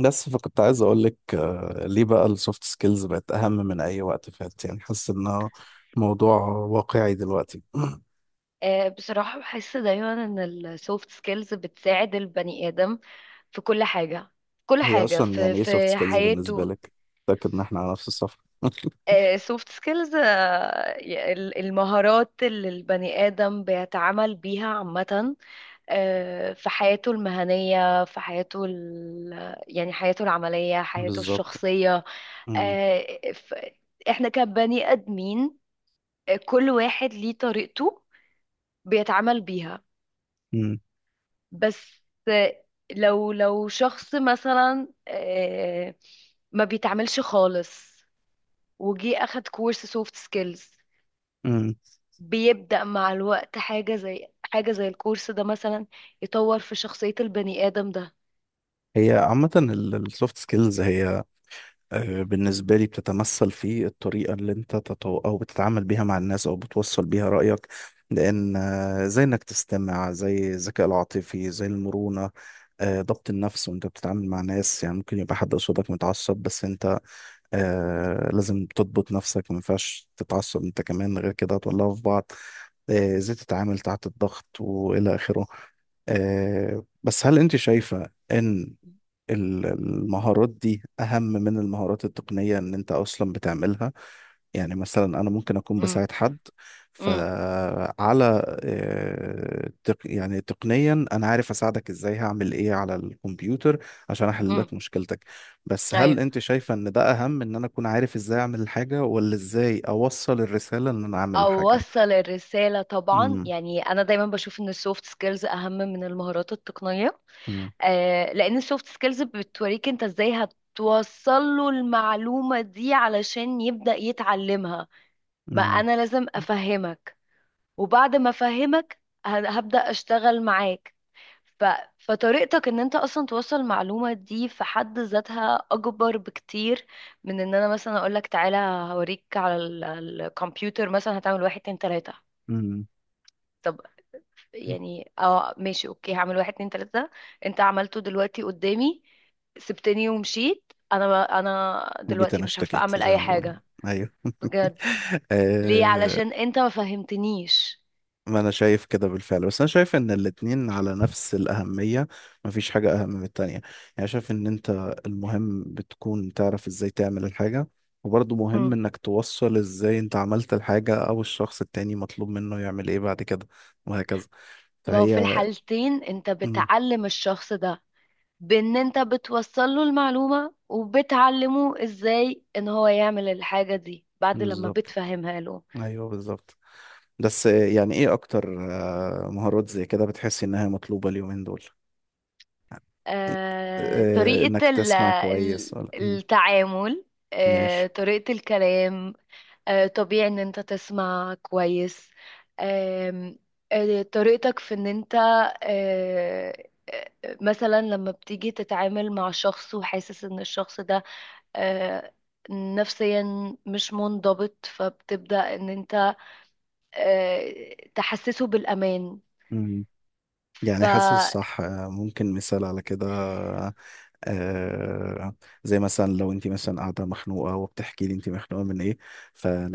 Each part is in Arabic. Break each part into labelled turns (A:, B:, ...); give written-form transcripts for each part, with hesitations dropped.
A: بس فكنت عايز اقول لك ليه بقى السوفت سكيلز بقت اهم من اي وقت فات، يعني حاسس انه موضوع واقعي دلوقتي.
B: بصراحة بحس دايما ان السوفت سكيلز بتساعد البني آدم في كل حاجة، كل
A: هي
B: حاجة
A: اصلا
B: في
A: يعني ايه سوفت
B: في
A: سكيلز بالنسبه
B: حياته.
A: لك؟ متاكد ان احنا على نفس الصفحه؟
B: سوفت سكيلز المهارات اللي البني آدم بيتعامل بيها عامة، في حياته المهنية، في حياته ال... يعني حياته العملية، حياته
A: بالظبط.
B: الشخصية.
A: مم.
B: آه، ف- احنا كبني آدمين، كل واحد ليه طريقته بيتعامل بيها.
A: مم.
B: بس لو شخص مثلا ما بيتعملش خالص وجي اخد كورس سوفت سكيلز،
A: مم.
B: بيبدأ مع الوقت حاجة زي، حاجة زي الكورس ده مثلا يطور في شخصية البني آدم ده.
A: هي عامه السوفت سكيلز هي، بالنسبة لي، بتتمثل في الطريقة اللي انت تتو... او بتتعامل بيها مع الناس، او بتوصل بيها رأيك. لان، زي انك تستمع، زي الذكاء العاطفي، زي المرونة، ضبط النفس وانت بتتعامل مع ناس. يعني ممكن يبقى حد قصادك متعصب، بس انت لازم تضبط نفسك، ما ينفعش تتعصب انت كمان، غير كده هتولعوا في بعض. ازاي تتعامل تحت الضغط والى اخره. بس هل انت شايفة ان المهارات دي أهم من المهارات التقنية إن أنت أصلا بتعملها؟ يعني مثلا أنا ممكن أكون
B: امم
A: بساعد حد
B: امم
A: فعلى، يعني تقنيا أنا عارف أساعدك إزاي، هعمل إيه على الكمبيوتر عشان أحل لك
B: امم
A: مشكلتك. بس هل
B: ايوه،
A: أنت شايفة إن ده أهم، إن أنا أكون عارف إزاي أعمل الحاجة، ولا إزاي أوصل الرسالة إن أنا أعمل الحاجة؟
B: اوصل الرسالة طبعا.
A: امم
B: يعني انا دايما بشوف ان السوفت سكيلز اهم من المهارات التقنية،
A: امم
B: لان السوفت سكيلز بتوريك انت ازاي هتوصل له المعلومة دي علشان يبدأ يتعلمها. ما
A: امم
B: انا لازم افهمك، وبعد ما افهمك هبدأ اشتغل معاك. ف... فطريقتك ان انت اصلا توصل المعلومة دي في حد ذاتها اكبر بكتير من ان انا مثلا اقولك تعالى هوريك على الكمبيوتر مثلا هتعمل واحد اتنين تلاتة.
A: امم.
B: يعني اه ماشي اوكي، هعمل واحد اتنين تلاتة، انت عملته دلوقتي قدامي، سبتني ومشيت. انا
A: وجيت
B: دلوقتي
A: أنا
B: مش عارفة
A: اشتكيت
B: اعمل
A: زي
B: اي
A: ما بيقولوا.
B: حاجة
A: أيوه.
B: بجد. ليه؟
A: آه،
B: علشان انت ما فهمتنيش.
A: ما انا شايف كده بالفعل، بس انا شايف ان الاتنين على نفس الاهمية، مفيش حاجة اهم من التانية. يعني شايف ان انت المهم بتكون تعرف ازاي تعمل الحاجة، وبرضه مهم
B: مم.
A: انك توصل ازاي انت عملت الحاجة، او الشخص التاني مطلوب منه يعمل ايه بعد كده، وهكذا.
B: ما هو في
A: فهي
B: الحالتين انت
A: مم،
B: بتعلم الشخص ده، بان انت بتوصل له المعلومة وبتعلمه ازاي ان هو يعمل الحاجة دي بعد لما
A: بالظبط.
B: بتفهمها له.
A: ايوه بالظبط. بس يعني ايه اكتر مهارات زي كده بتحس انها مطلوبة اليومين دول؟ إيه،
B: آه،
A: انك
B: طريقة ال-
A: تسمع كويس،
B: ال-
A: ولا مم،
B: التعامل،
A: ماشي.
B: طريقة الكلام، طبيعي ان انت تسمع كويس. آم، آه، طريقتك في ان انت آه، مثلا لما بتيجي تتعامل مع شخص وحاسس ان الشخص ده آه، نفسيا مش منضبط، فبتبدأ ان انت تحسسه بالأمان. ف
A: يعني حاسس صح. ممكن مثال على كده؟ آه، زي مثلا لو انت مثلا قاعده مخنوقه وبتحكي لي انت مخنوقه من ايه،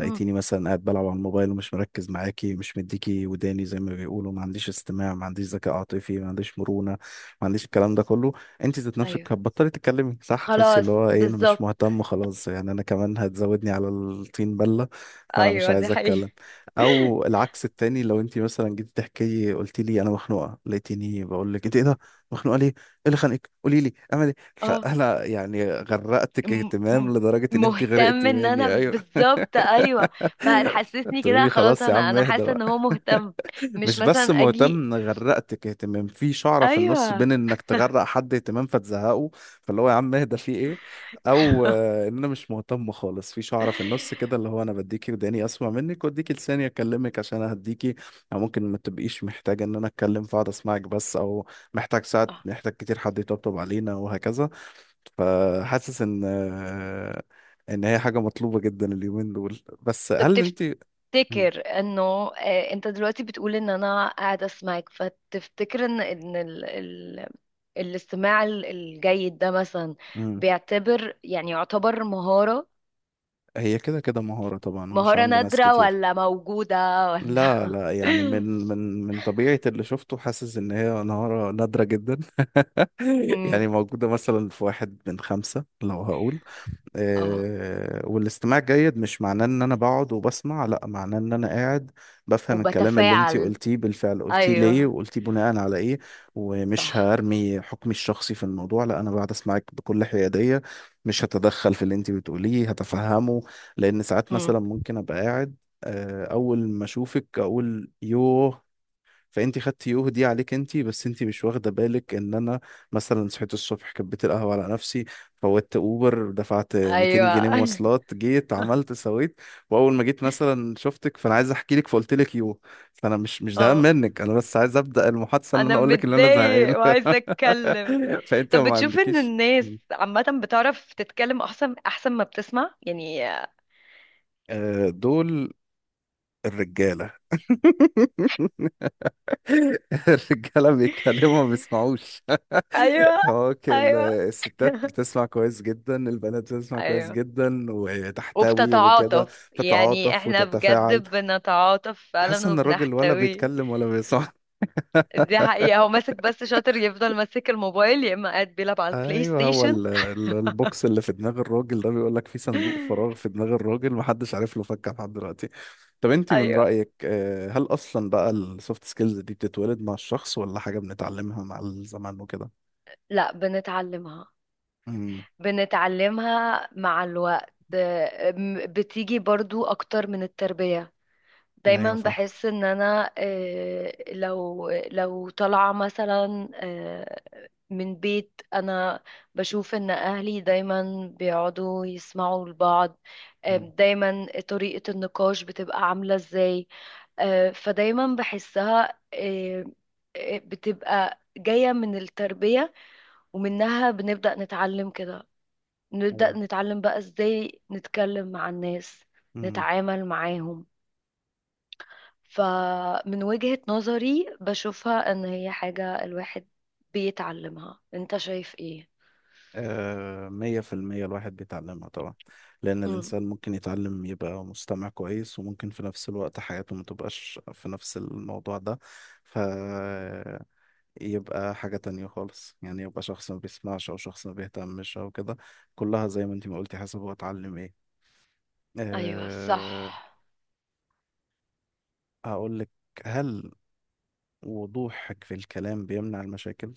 B: مم،
A: مثلا قاعد بلعب على الموبايل، ومش مركز معاكي، مش مديكي وداني زي ما بيقولوا، ما عنديش استماع، ما عنديش ذكاء عاطفي، ما عنديش مرونه، ما عنديش الكلام ده كله. انت ذات نفسك
B: ايوه
A: هتبطلي تتكلمي، صح؟ تحسي اللي
B: خلاص
A: هو ايه، انا مش
B: بالظبط.
A: مهتم خلاص، يعني انا كمان هتزودني على الطين بله، فانا مش
B: ايوه دي
A: عايز
B: حقيقة.
A: اتكلم. او العكس التاني، لو انت مثلا جيت تحكي لي، قلت لي انا مخنوقه، لقيتيني بقول لك انت ايه ده، مخنوقه ليه، ايه اللي خانقك، قولي لي اعمل ايه،
B: اه،
A: فانا يعني غرقتك
B: م-
A: اهتمام
B: م-
A: لدرجه ان انت
B: مهتم
A: غرقتي
B: ان انا
A: مني. ايوه.
B: بالظبط، ايوه. فهتحسسني
A: تقولي
B: كده،
A: لي
B: خلاص
A: خلاص يا
B: انا
A: عم
B: انا
A: اهدى
B: حاسه
A: بقى.
B: ان هو مهتم، مش
A: مش بس
B: مثلا اجي.
A: مهتم، غرقتك اهتمام، في شعرة في النص
B: ايوه.
A: بين انك تغرق حد اهتمام فتزهقه، فاللي هو يا عم اهدى في ايه. او، ان انا مش مهتم خالص، في شعرة في النص كده اللي هو انا بديكي وداني اسمع منك، واديكي لساني اكلمك عشان اهديكي. او ممكن ما تبقيش محتاجة ان انا اتكلم، فاقعد اسمعك بس، او محتاج، ساعات
B: آه.
A: محتاج كتير حد يطبطب علينا، وهكذا. فحاسس ان ان هي حاجة مطلوبة جدا اليومين دول. بس
B: طب
A: هل انت
B: تفتكر انه، انت دلوقتي بتقول ان انا قاعده اسمعك، فتفتكر ان الاستماع الجيد ده مثلا
A: مم.
B: بيعتبر، يعني يعتبر مهاره؟
A: هي كده كده مهارة طبعا، ومش
B: مهاره
A: عند ناس
B: نادره
A: كتير.
B: ولا موجوده ولا؟
A: لا لا، يعني من طبيعة اللي شفته، حاسس إن هي مهارة نادرة جدا. يعني
B: امم،
A: موجودة مثلا في واحد من خمسة لو هقول.
B: اه
A: والاستماع الجيد مش معناه ان انا بقعد وبسمع، لا، معناه ان انا قاعد بفهم الكلام اللي انتي
B: وبتفاعل،
A: قلتيه بالفعل، قلتيه ليه،
B: ايوه
A: وقلتيه بناء على ايه. ومش
B: صح.
A: هرمي حكمي الشخصي في الموضوع، لا، انا بقعد اسمعك بكل حيادية. مش هتدخل في اللي انتي بتقوليه، هتفهمه. لان ساعات
B: امم،
A: مثلا ممكن ابقى قاعد، اول ما اشوفك اقول يوه، فانت خدتي يوه دي عليك انت، بس انت مش واخده بالك ان انا مثلا صحيت الصبح كبيت القهوه على نفسي، فوتت اوبر، دفعت 200
B: ايوه.
A: جنيه مواصلات، جيت عملت سويت، واول ما جيت مثلا شفتك فانا عايز احكي لك، فقلت لك يوه. فانا مش زهقان
B: اه
A: منك، انا بس عايز ابدا المحادثه اللي
B: انا
A: انا اقول لك ان انا زهقان.
B: متضايق وعايزه اتكلم.
A: فانت
B: طب
A: ما
B: بتشوف ان
A: عندكيش،
B: الناس عامه بتعرف تتكلم احسن، احسن ما بتسمع؟ يعني
A: دول الرجاله. الرجاله بيتكلموا ما بيسمعوش.
B: ايوه،
A: هو كان
B: ايوه.
A: الستات بتسمع كويس جدا، البنات بتسمع كويس
B: ايوه
A: جدا وتحتوي وكده،
B: وبتتعاطف، يعني
A: تتعاطف
B: احنا بجد
A: وتتفاعل.
B: بنتعاطف
A: حاسس
B: فعلا
A: ان الراجل ولا
B: وبنحتوي.
A: بيتكلم ولا بيسمع.
B: دي حقيقة، هو ماسك بس شاطر، يفضل ماسك الموبايل يا اما قاعد بيلعب على البلاي
A: ايوه، هو
B: ستيشن.
A: البوكس اللي في دماغ الراجل ده بيقول لك، في صندوق فراغ في دماغ الراجل محدش عارف له فكه لحد دلوقتي. طب انت من
B: ايوه.
A: رأيك، هل اصلا بقى السوفت سكيلز دي بتتولد مع الشخص، ولا حاجة بنتعلمها مع الزمان وكده؟
B: لا بنتعلمها، بنتعلمها مع الوقت. بتيجي برضو اكتر من التربية. دايما
A: ايوه فاهم.
B: بحس ان انا لو طالعة مثلا من بيت، انا بشوف ان اهلي دايما بيقعدوا يسمعوا لبعض،
A: مم.
B: دايما طريقة النقاش بتبقى عاملة ازاي. فدايما بحسها بتبقى جاية من التربية، ومنها بنبدأ نتعلم كده، نبدأ
A: ايوه.
B: نتعلم بقى ازاي نتكلم مع الناس،
A: امم.
B: نتعامل معاهم. فمن وجهة نظري بشوفها ان هي حاجة الواحد بيتعلمها. انت شايف ايه؟
A: آه، مية في المية الواحد بيتعلمها طبعا. لأن
B: امم،
A: الإنسان ممكن يتعلم يبقى مستمع كويس، وممكن في نفس الوقت حياته ما تبقاش في نفس الموضوع ده، ف يبقى حاجة تانية خالص. يعني يبقى شخص ما بيسمعش، أو شخص ما بيهتمش، أو كده. كلها زي ما انتي ما قلتي، حسب هو اتعلم ايه.
B: ايوه صح.
A: أه. هقولك، هل وضوحك في الكلام بيمنع المشاكل؟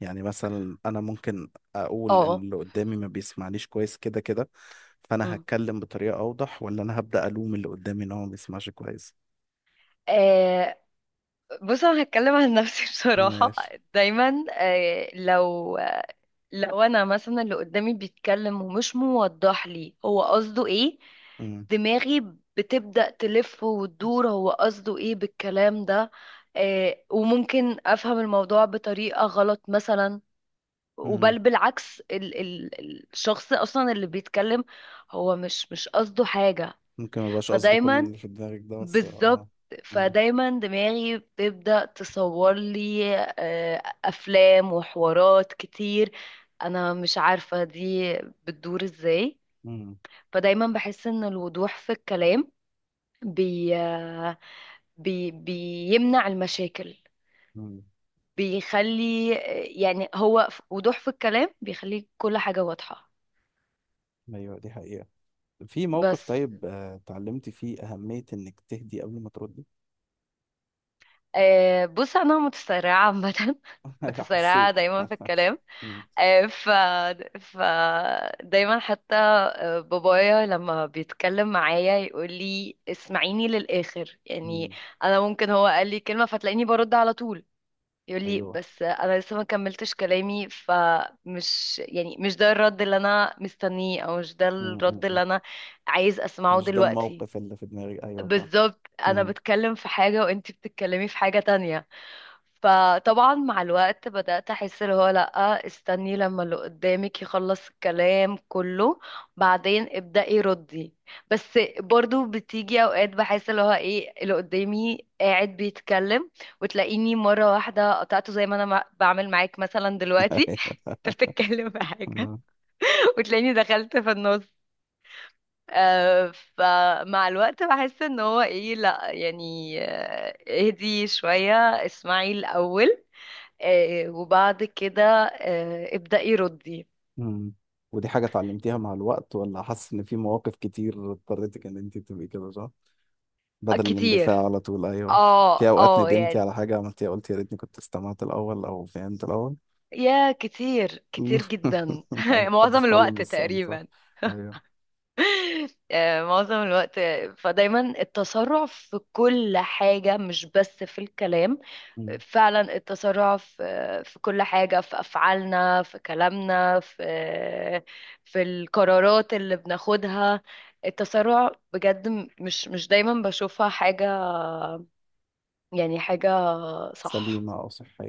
A: يعني مثلا انا ممكن اقول ان
B: اه
A: اللي قدامي ما بيسمعنيش كويس كده كده، فانا
B: امم،
A: هتكلم بطريقة اوضح، ولا انا هبدأ الوم اللي قدامي ان هو ما بيسمعش كويس؟
B: آه بص انا هتكلم عن نفسي بصراحة.
A: ماشي.
B: دايما آه، لو انا مثلا اللي قدامي بيتكلم ومش موضح لي هو قصده ايه،
A: مم.
B: دماغي بتبدأ تلف وتدور هو قصده ايه بالكلام ده. آه وممكن افهم الموضوع بطريقة غلط مثلا،
A: مم.
B: بالعكس ال ال الشخص اصلا اللي بيتكلم هو مش قصده حاجة.
A: ممكن ما يبقاش قصده كل
B: فدايما
A: اللي في دماغك ده، بس اه.
B: بالظبط،
A: مم.
B: فدايما دماغي بتبدأ تصور لي أفلام وحوارات كتير، أنا مش عارفة دي بتدور إزاي.
A: مم.
B: فدايما بحس إن الوضوح في الكلام بي آه، بي بيمنع المشاكل،
A: مم.
B: بيخلي يعني هو وضوح في الكلام بيخلي كل حاجة واضحة.
A: ايوه دي حقيقة. في موقف
B: بس
A: طيب اتعلمت فيه أهمية إنك تهدي قبل ما تردي؟
B: بص أنا متسرعة عامة،
A: أيوة،
B: متسرعة
A: حسيت.
B: دايما في الكلام.
A: مم.
B: ف ف دايما حتى بابايا لما بيتكلم معايا يقول لي اسمعيني للآخر يعني.
A: مم.
B: انا ممكن هو قال لي كلمة فتلاقيني برد على طول، يقول لي
A: أيوه.
B: بس انا لسه ما كملتش كلامي، فمش يعني مش ده الرد اللي انا مستنيه، او مش ده الرد
A: مم.
B: اللي انا عايز اسمعه
A: مش ده
B: دلوقتي.
A: الموقف اللي في دماغي، أيوه صح.
B: بالظبط، انا
A: مم.
B: بتكلم في حاجة وانتي بتتكلمي في حاجة تانية. فطبعا مع الوقت بدأت أحس اللي هو لأ، استني لما اللي قدامك يخلص الكلام كله، بعدين ابدأي ردي. بس برضو بتيجي أوقات بحس اللي هو إيه، اللي قدامي قاعد بيتكلم وتلاقيني مرة واحدة قطعته، زي ما أنا بعمل معاك مثلا دلوقتي، أنت بتتكلم في حاجة
A: أيوه.
B: وتلاقيني دخلت في النص. فمع الوقت بحس ان هو ايه، لا يعني اهدي شوية، اسمعي الأول، وبعد كده ابدأي ردي.
A: مم. ودي حاجة اتعلمتيها مع الوقت، ولا حاسس إن في مواقف كتير اضطريتك إن أنت تبقي كده صح؟ بدل الاندفاع
B: كتير،
A: على طول. أيوه. في
B: اه
A: أوقات
B: اه
A: ندمتي
B: يعني.
A: على حاجة عملتيها، قلت يا ريتني كنت استمعت الأول أو فهمت الأول؟
B: يا كتير، كتير جدا
A: محدش
B: معظم
A: اتعلم
B: الوقت
A: بالسهل، صح؟
B: تقريبا،
A: أيوه.
B: معظم الوقت. فدايما التسرع في كل حاجة مش بس في الكلام،
A: مم.
B: فعلا التسرع في في كل حاجة، في أفعالنا، في كلامنا، في في القرارات اللي بناخدها. التسرع بجد مش دايما بشوفها حاجة، يعني حاجة صح
A: سليمة أو صحية.